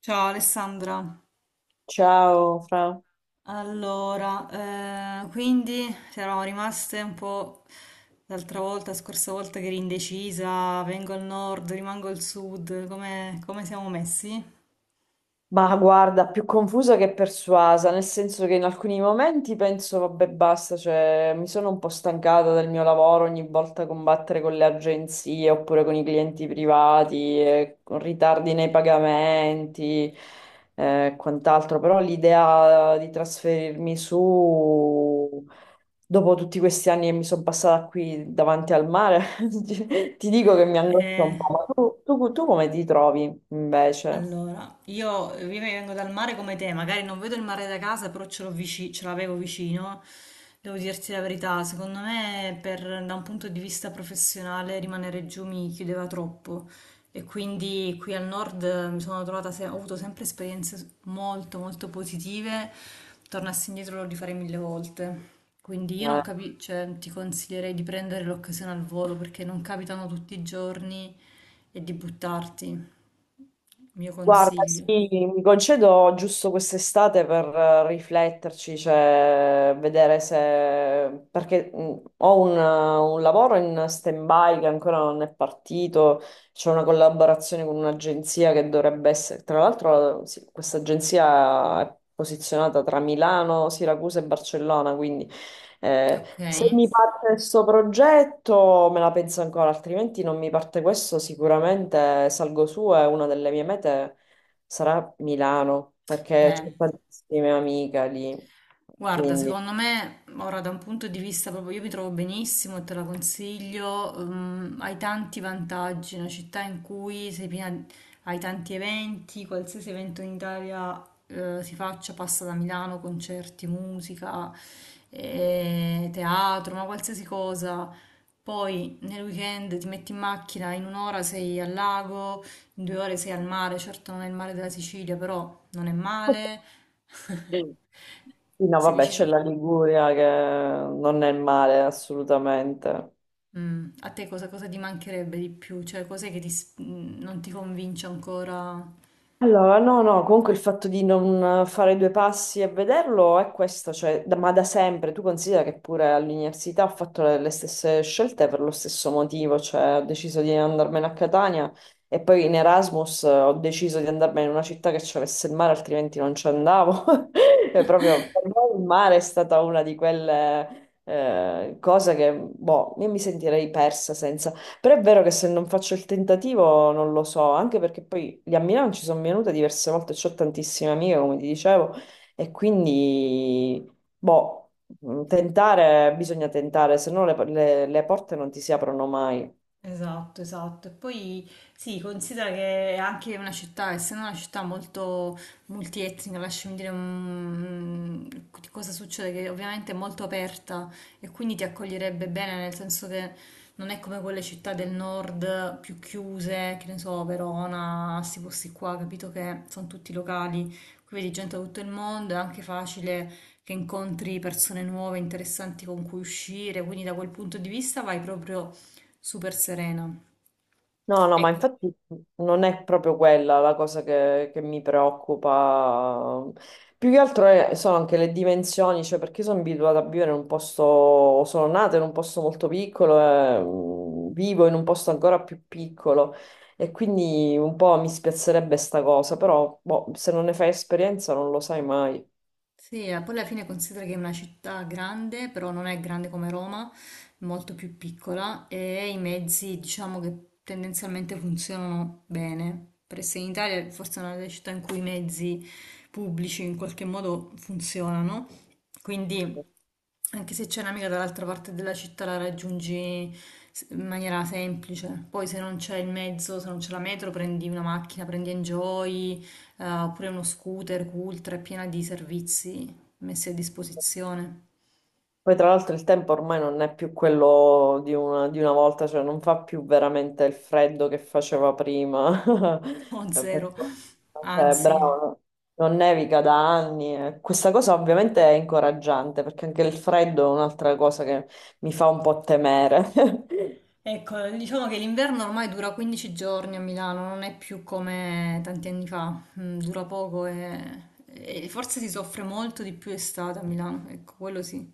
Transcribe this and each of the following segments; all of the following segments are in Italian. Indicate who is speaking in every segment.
Speaker 1: Ciao Alessandra,
Speaker 2: Ciao, Fra.
Speaker 1: allora, quindi ci eravamo rimaste un po' l'altra volta, scorsa volta che eri indecisa, vengo al nord, rimango al sud, come siamo messi?
Speaker 2: Ma guarda, più confusa che persuasa, nel senso che in alcuni momenti penso, vabbè, basta, cioè, mi sono un po' stancata del mio lavoro ogni volta combattere con le agenzie oppure con i clienti privati, e con ritardi nei pagamenti e quant'altro, però l'idea di trasferirmi su, dopo tutti questi anni che mi sono passata qui davanti al mare, ti dico che mi angoscia
Speaker 1: Eh,
Speaker 2: un po', ma tu, tu come ti trovi invece?
Speaker 1: Allora, io vengo dal mare come te, magari non vedo il mare da casa, però ce l'ho ce l'avevo vicino. Devo dirti la verità, secondo me da un punto di vista professionale rimanere giù mi chiudeva troppo e quindi qui al nord mi sono trovata, ho avuto sempre esperienze molto molto positive, tornassi indietro lo rifarei mille volte. Quindi io non
Speaker 2: Eh,
Speaker 1: capisco, cioè, ti consiglierei di prendere l'occasione al volo perché non capitano tutti i giorni e di buttarti. Mio
Speaker 2: Guarda,
Speaker 1: consiglio,
Speaker 2: sì, mi concedo giusto quest'estate per rifletterci, cioè vedere se perché ho un lavoro in stand-by che ancora non è partito, c'è una collaborazione con un'agenzia che dovrebbe essere. Tra l'altro, sì, questa agenzia è posizionata tra Milano, Siracusa e Barcellona, quindi se
Speaker 1: okay.
Speaker 2: mi parte questo progetto me la penso ancora, altrimenti non mi parte questo, sicuramente salgo su e una delle mie mete sarà Milano, perché
Speaker 1: Eh.
Speaker 2: c'ho tantissime amiche lì.
Speaker 1: Guarda,
Speaker 2: Quindi,
Speaker 1: secondo me, ora da un punto di vista proprio, io mi trovo benissimo e te la consiglio, hai tanti vantaggi, è una città in cui sei piena, hai tanti eventi, qualsiasi evento in Italia, si faccia, passa da Milano, concerti, musica, teatro, ma qualsiasi cosa. Poi nel weekend ti metti in macchina, in un'ora sei al lago, in due ore sei al mare, certo non è il mare della Sicilia, però non è male.
Speaker 2: sì, no,
Speaker 1: Sei
Speaker 2: vabbè, c'è
Speaker 1: vicino.
Speaker 2: la Liguria che non è male assolutamente.
Speaker 1: Mm. A te cosa ti mancherebbe di più? Cioè, cos'è che non ti convince ancora?
Speaker 2: Allora, no, no, comunque il fatto di non fare due passi e vederlo è questo, cioè, ma da sempre, tu considera che pure all'università ho fatto le stesse scelte per lo stesso motivo, cioè ho deciso di andarmene a Catania e poi in Erasmus ho deciso di andarmene in una città che c'avesse il mare, altrimenti non ci andavo. E proprio per me il mare è stata una di quelle cose che, boh, io mi sentirei persa senza, però è vero che se non faccio il tentativo non lo so, anche perché poi lì a Milano ci sono venuta diverse volte, ho tantissime amiche, come ti dicevo, e quindi, boh, tentare, bisogna tentare, se no le porte non ti si aprono mai.
Speaker 1: Esatto, esatto. E poi sì, considera che è anche una città, essendo una città molto multietnica, lasciami dire di cosa succede, che ovviamente è molto aperta e quindi ti accoglierebbe bene, nel senso che non è come quelle città del nord più chiuse, che ne so, Verona, questi posti qua, capito che sono tutti locali, qui vedi gente da tutto il mondo, è anche facile che incontri persone nuove, interessanti con cui uscire, quindi da quel punto di vista vai proprio super serena. Mm.
Speaker 2: No, no, ma
Speaker 1: Ecco,
Speaker 2: infatti non è proprio quella la cosa che mi preoccupa. Più che altro sono anche le dimensioni, cioè perché sono abituata a vivere in un posto, sono nata in un posto molto piccolo, e, vivo in un posto ancora più piccolo e quindi un po' mi spiazzerebbe sta cosa, però boh, se non ne fai esperienza non lo sai mai.
Speaker 1: sì, poi alla fine considera che è una città grande, però non è grande come Roma, molto più piccola e i mezzi diciamo che tendenzialmente funzionano bene. Per essere in Italia forse è una delle città in cui i mezzi pubblici in qualche modo funzionano, quindi anche se c'è un'amica dall'altra parte della città la raggiungi in maniera semplice. Poi se non c'è il mezzo, se non c'è la metro, prendi una macchina, prendi Enjoy, oppure uno scooter, Cultra, è piena di servizi messi a disposizione.
Speaker 2: Poi tra l'altro il tempo ormai non è più quello di una volta, cioè non fa più veramente il freddo che faceva prima.
Speaker 1: O
Speaker 2: Per-
Speaker 1: zero.
Speaker 2: cioè, bravo,
Speaker 1: Anzi.
Speaker 2: no, non nevica da anni. Eh. Questa cosa ovviamente è incoraggiante perché anche il freddo è un'altra cosa che mi fa un po' temere.
Speaker 1: Ecco, diciamo che l'inverno ormai dura 15 giorni a Milano, non è più come tanti anni fa. Mm, dura poco e forse si soffre molto di più estate a Milano, ecco, quello sì,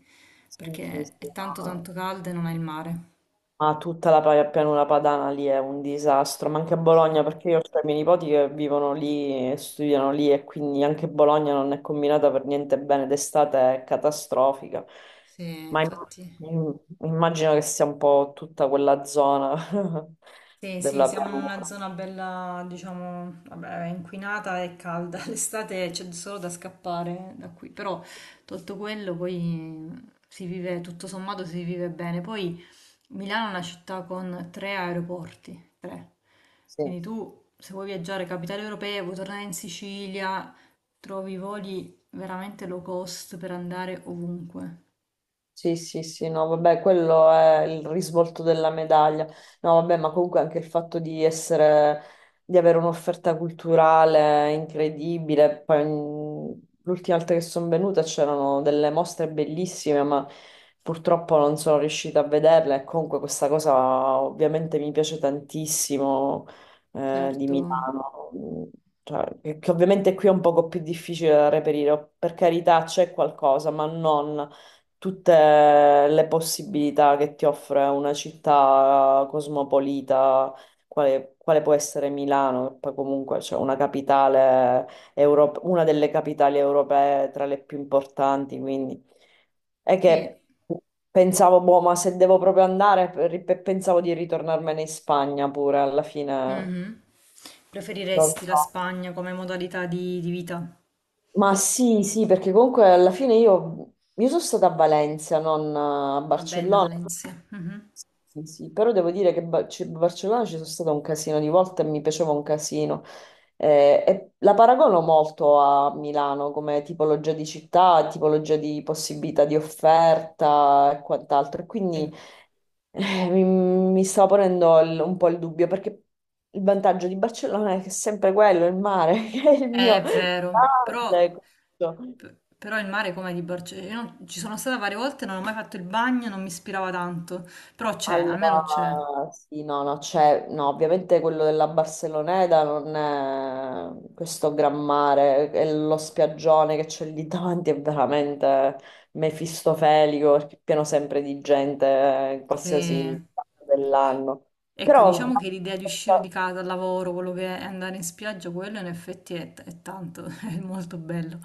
Speaker 2: Sì, sì,
Speaker 1: perché
Speaker 2: sì,
Speaker 1: è tanto
Speaker 2: no.
Speaker 1: tanto caldo e non ha il mare.
Speaker 2: Ma tutta la pianura padana lì è un disastro, ma anche a Bologna,
Speaker 1: Sì.
Speaker 2: perché io ho i miei nipoti che vivono lì, e studiano lì e quindi anche Bologna non è combinata per niente bene, d'estate è catastrofica.
Speaker 1: Sì,
Speaker 2: Ma
Speaker 1: infatti.
Speaker 2: immagino che sia un po' tutta quella zona
Speaker 1: Sì, sì,
Speaker 2: della
Speaker 1: siamo in una
Speaker 2: pianura.
Speaker 1: zona bella, diciamo, vabbè, inquinata e calda. L'estate c'è solo da scappare da qui, però tolto quello poi si vive, tutto sommato si vive bene. Poi Milano è una città con tre aeroporti, tre.
Speaker 2: Sì.
Speaker 1: Quindi tu, se vuoi viaggiare capitale europea, vuoi tornare in Sicilia, trovi voli veramente low cost per andare ovunque.
Speaker 2: Sì, sì, sì, no, vabbè, quello è il risvolto della medaglia. No, vabbè, ma comunque anche il fatto di essere, di avere un'offerta culturale incredibile. Poi, l'ultima volta che sono venuta c'erano delle mostre bellissime, ma purtroppo non sono riuscita a vederle. E comunque questa cosa ovviamente mi piace tantissimo, di
Speaker 1: Certo,
Speaker 2: Milano. Mm, cioè, che ovviamente qui è un poco più difficile da reperire, per carità c'è qualcosa, ma non tutte le possibilità che ti offre una città cosmopolita, quale può essere Milano, che poi comunque c'è una capitale europea, una delle capitali europee tra le più importanti, quindi è
Speaker 1: sì.
Speaker 2: che pensavo, boh, ma se devo proprio andare, pensavo di ritornarmene in Spagna pure alla fine.
Speaker 1: Mhm.
Speaker 2: Non
Speaker 1: Preferiresti la
Speaker 2: so.
Speaker 1: Spagna come modalità di vita?
Speaker 2: Ma sì, sì, perché comunque alla fine io sono stata a Valencia, non a
Speaker 1: Una bella
Speaker 2: Barcellona.
Speaker 1: Valencia. Mhm.
Speaker 2: Sì, sì, però devo dire che Barcellona ci sono stata un casino di volte e mi piaceva un casino. E la paragono molto a Milano come tipologia di città, tipologia di possibilità di offerta e quant'altro. E
Speaker 1: Sì.
Speaker 2: quindi mi stava ponendo un po' il dubbio, perché il vantaggio di Barcellona è che è sempre quello, il mare, che è il mio
Speaker 1: È vero, però,
Speaker 2: grande.
Speaker 1: però il mare come di Barcellona? Io non- ci sono stata varie volte, non ho mai fatto il bagno, non mi ispirava tanto, però c'è, almeno c'è.
Speaker 2: Allora, sì, no, no, c'è, no, ovviamente quello della Barceloneta non è questo gran mare, è lo spiaggione che c'è lì davanti è veramente mefistofelico, perché è pieno sempre di gente in
Speaker 1: Sì.
Speaker 2: qualsiasi parte dell'anno.
Speaker 1: Ecco,
Speaker 2: Però
Speaker 1: diciamo che l'idea di uscire di casa, al lavoro, quello che è andare in spiaggia, quello in effetti è tanto, è molto bello.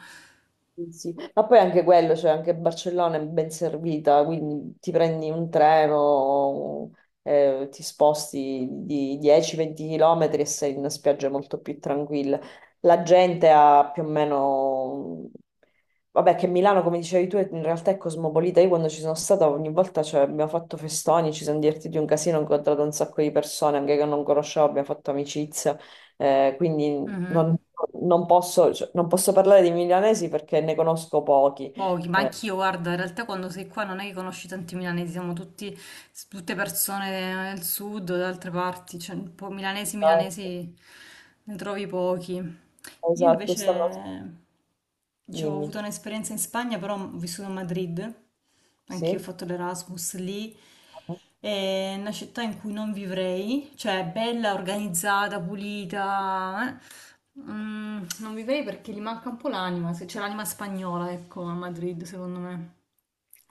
Speaker 2: sì, sì. Ma poi anche quello, cioè anche Barcellona è ben servita, quindi ti prendi un treno, ti sposti di 10-20 km e sei in una spiaggia molto più tranquilla. La gente ha più o meno. Vabbè, che Milano, come dicevi tu, in realtà è cosmopolita. Io quando ci sono stata ogni volta cioè, abbiamo fatto festoni, ci siamo divertiti un casino, ho incontrato un sacco di persone, anche che non conoscevo, abbiamo fatto amicizia. Quindi
Speaker 1: Mhm.
Speaker 2: non, non posso, cioè, non posso parlare di milanesi perché ne conosco pochi.
Speaker 1: Pochi, ma
Speaker 2: Eh,
Speaker 1: anch'io, guarda, in realtà quando sei qua non è che conosci tanti milanesi, siamo tutti, tutte persone del sud, da altre parti, cioè un po' milanesi,
Speaker 2: esatto,
Speaker 1: milanesi ne trovi pochi. Io
Speaker 2: esatto, stanno.
Speaker 1: invece, diciamo, ho
Speaker 2: Dimmi,
Speaker 1: avuto un'esperienza in Spagna, però ho vissuto a Madrid, anch'io ho
Speaker 2: sì.
Speaker 1: fatto l'Erasmus lì. È una città in cui non vivrei, cioè è bella, organizzata, pulita. Eh. Mm, non vivrei perché gli manca un po' l'anima, se c'è l'anima spagnola, ecco, a Madrid, secondo me,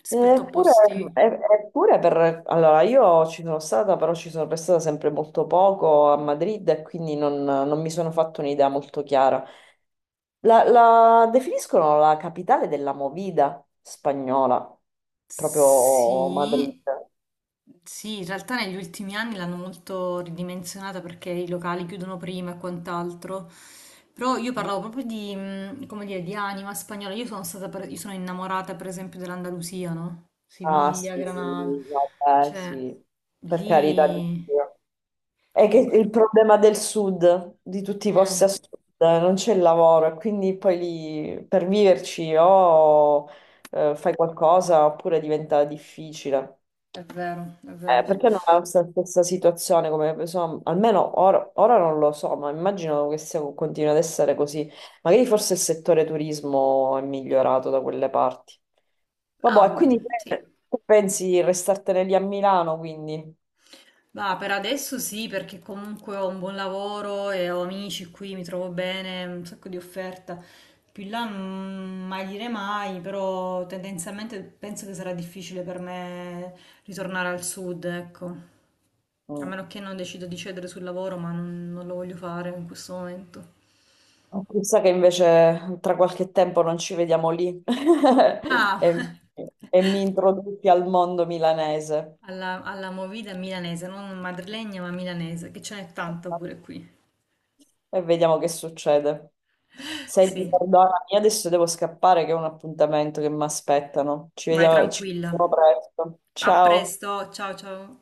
Speaker 1: rispetto a
Speaker 2: Eppure,
Speaker 1: posti.
Speaker 2: eppure per. Allora, io ci sono stata, però ci sono restata sempre molto poco a Madrid e quindi non, non mi sono fatto un'idea molto chiara. La definiscono la capitale della movida spagnola, proprio Madrid.
Speaker 1: Sì, sì, in realtà negli ultimi anni l'hanno molto ridimensionata perché i locali chiudono prima e quant'altro. Però io
Speaker 2: No?
Speaker 1: parlavo proprio di come dire, di anima spagnola. Io sono innamorata per esempio dell'Andalusia, no?
Speaker 2: Ah
Speaker 1: Siviglia,
Speaker 2: sì,
Speaker 1: Granada.
Speaker 2: vabbè,
Speaker 1: Cioè,
Speaker 2: sì, per carità di
Speaker 1: lì...
Speaker 2: Dio. È che
Speaker 1: Ecco. Sì.
Speaker 2: il problema del sud, di tutti i
Speaker 1: Eh,
Speaker 2: posti a sud, non c'è il lavoro e quindi poi lì per viverci o fai qualcosa oppure diventa difficile.
Speaker 1: è vero, è vero.
Speaker 2: Perché non è la stessa situazione, come, insomma, almeno ora, ora non lo so, ma immagino che sia, continui ad essere così. Magari forse il settore turismo è migliorato da quelle parti.
Speaker 1: Ah,
Speaker 2: Vabbè, e quindi
Speaker 1: sì.
Speaker 2: tu pensi di restartene lì a Milano, quindi
Speaker 1: Ma per adesso sì, perché comunque ho un buon lavoro e ho amici qui, mi trovo bene, un sacco di offerta. Più in là mai dire mai, però tendenzialmente penso che sarà difficile per me ritornare al sud, ecco. A
Speaker 2: mm.
Speaker 1: meno che non decido di cedere sul lavoro, ma non lo voglio fare in questo momento.
Speaker 2: Chissà che invece tra qualche tempo non ci vediamo lì
Speaker 1: Ah,
Speaker 2: e, e mi introduci al mondo milanese.
Speaker 1: alla movida milanese, non madrilegna ma milanese, che ce n'è tanta pure qui.
Speaker 2: E vediamo che succede. Senti,
Speaker 1: Sì,
Speaker 2: perdonami, io adesso devo scappare che ho un appuntamento che mi aspettano.
Speaker 1: vai
Speaker 2: Ci
Speaker 1: tranquilla.
Speaker 2: vediamo presto.
Speaker 1: A
Speaker 2: Ciao.
Speaker 1: presto, ciao ciao.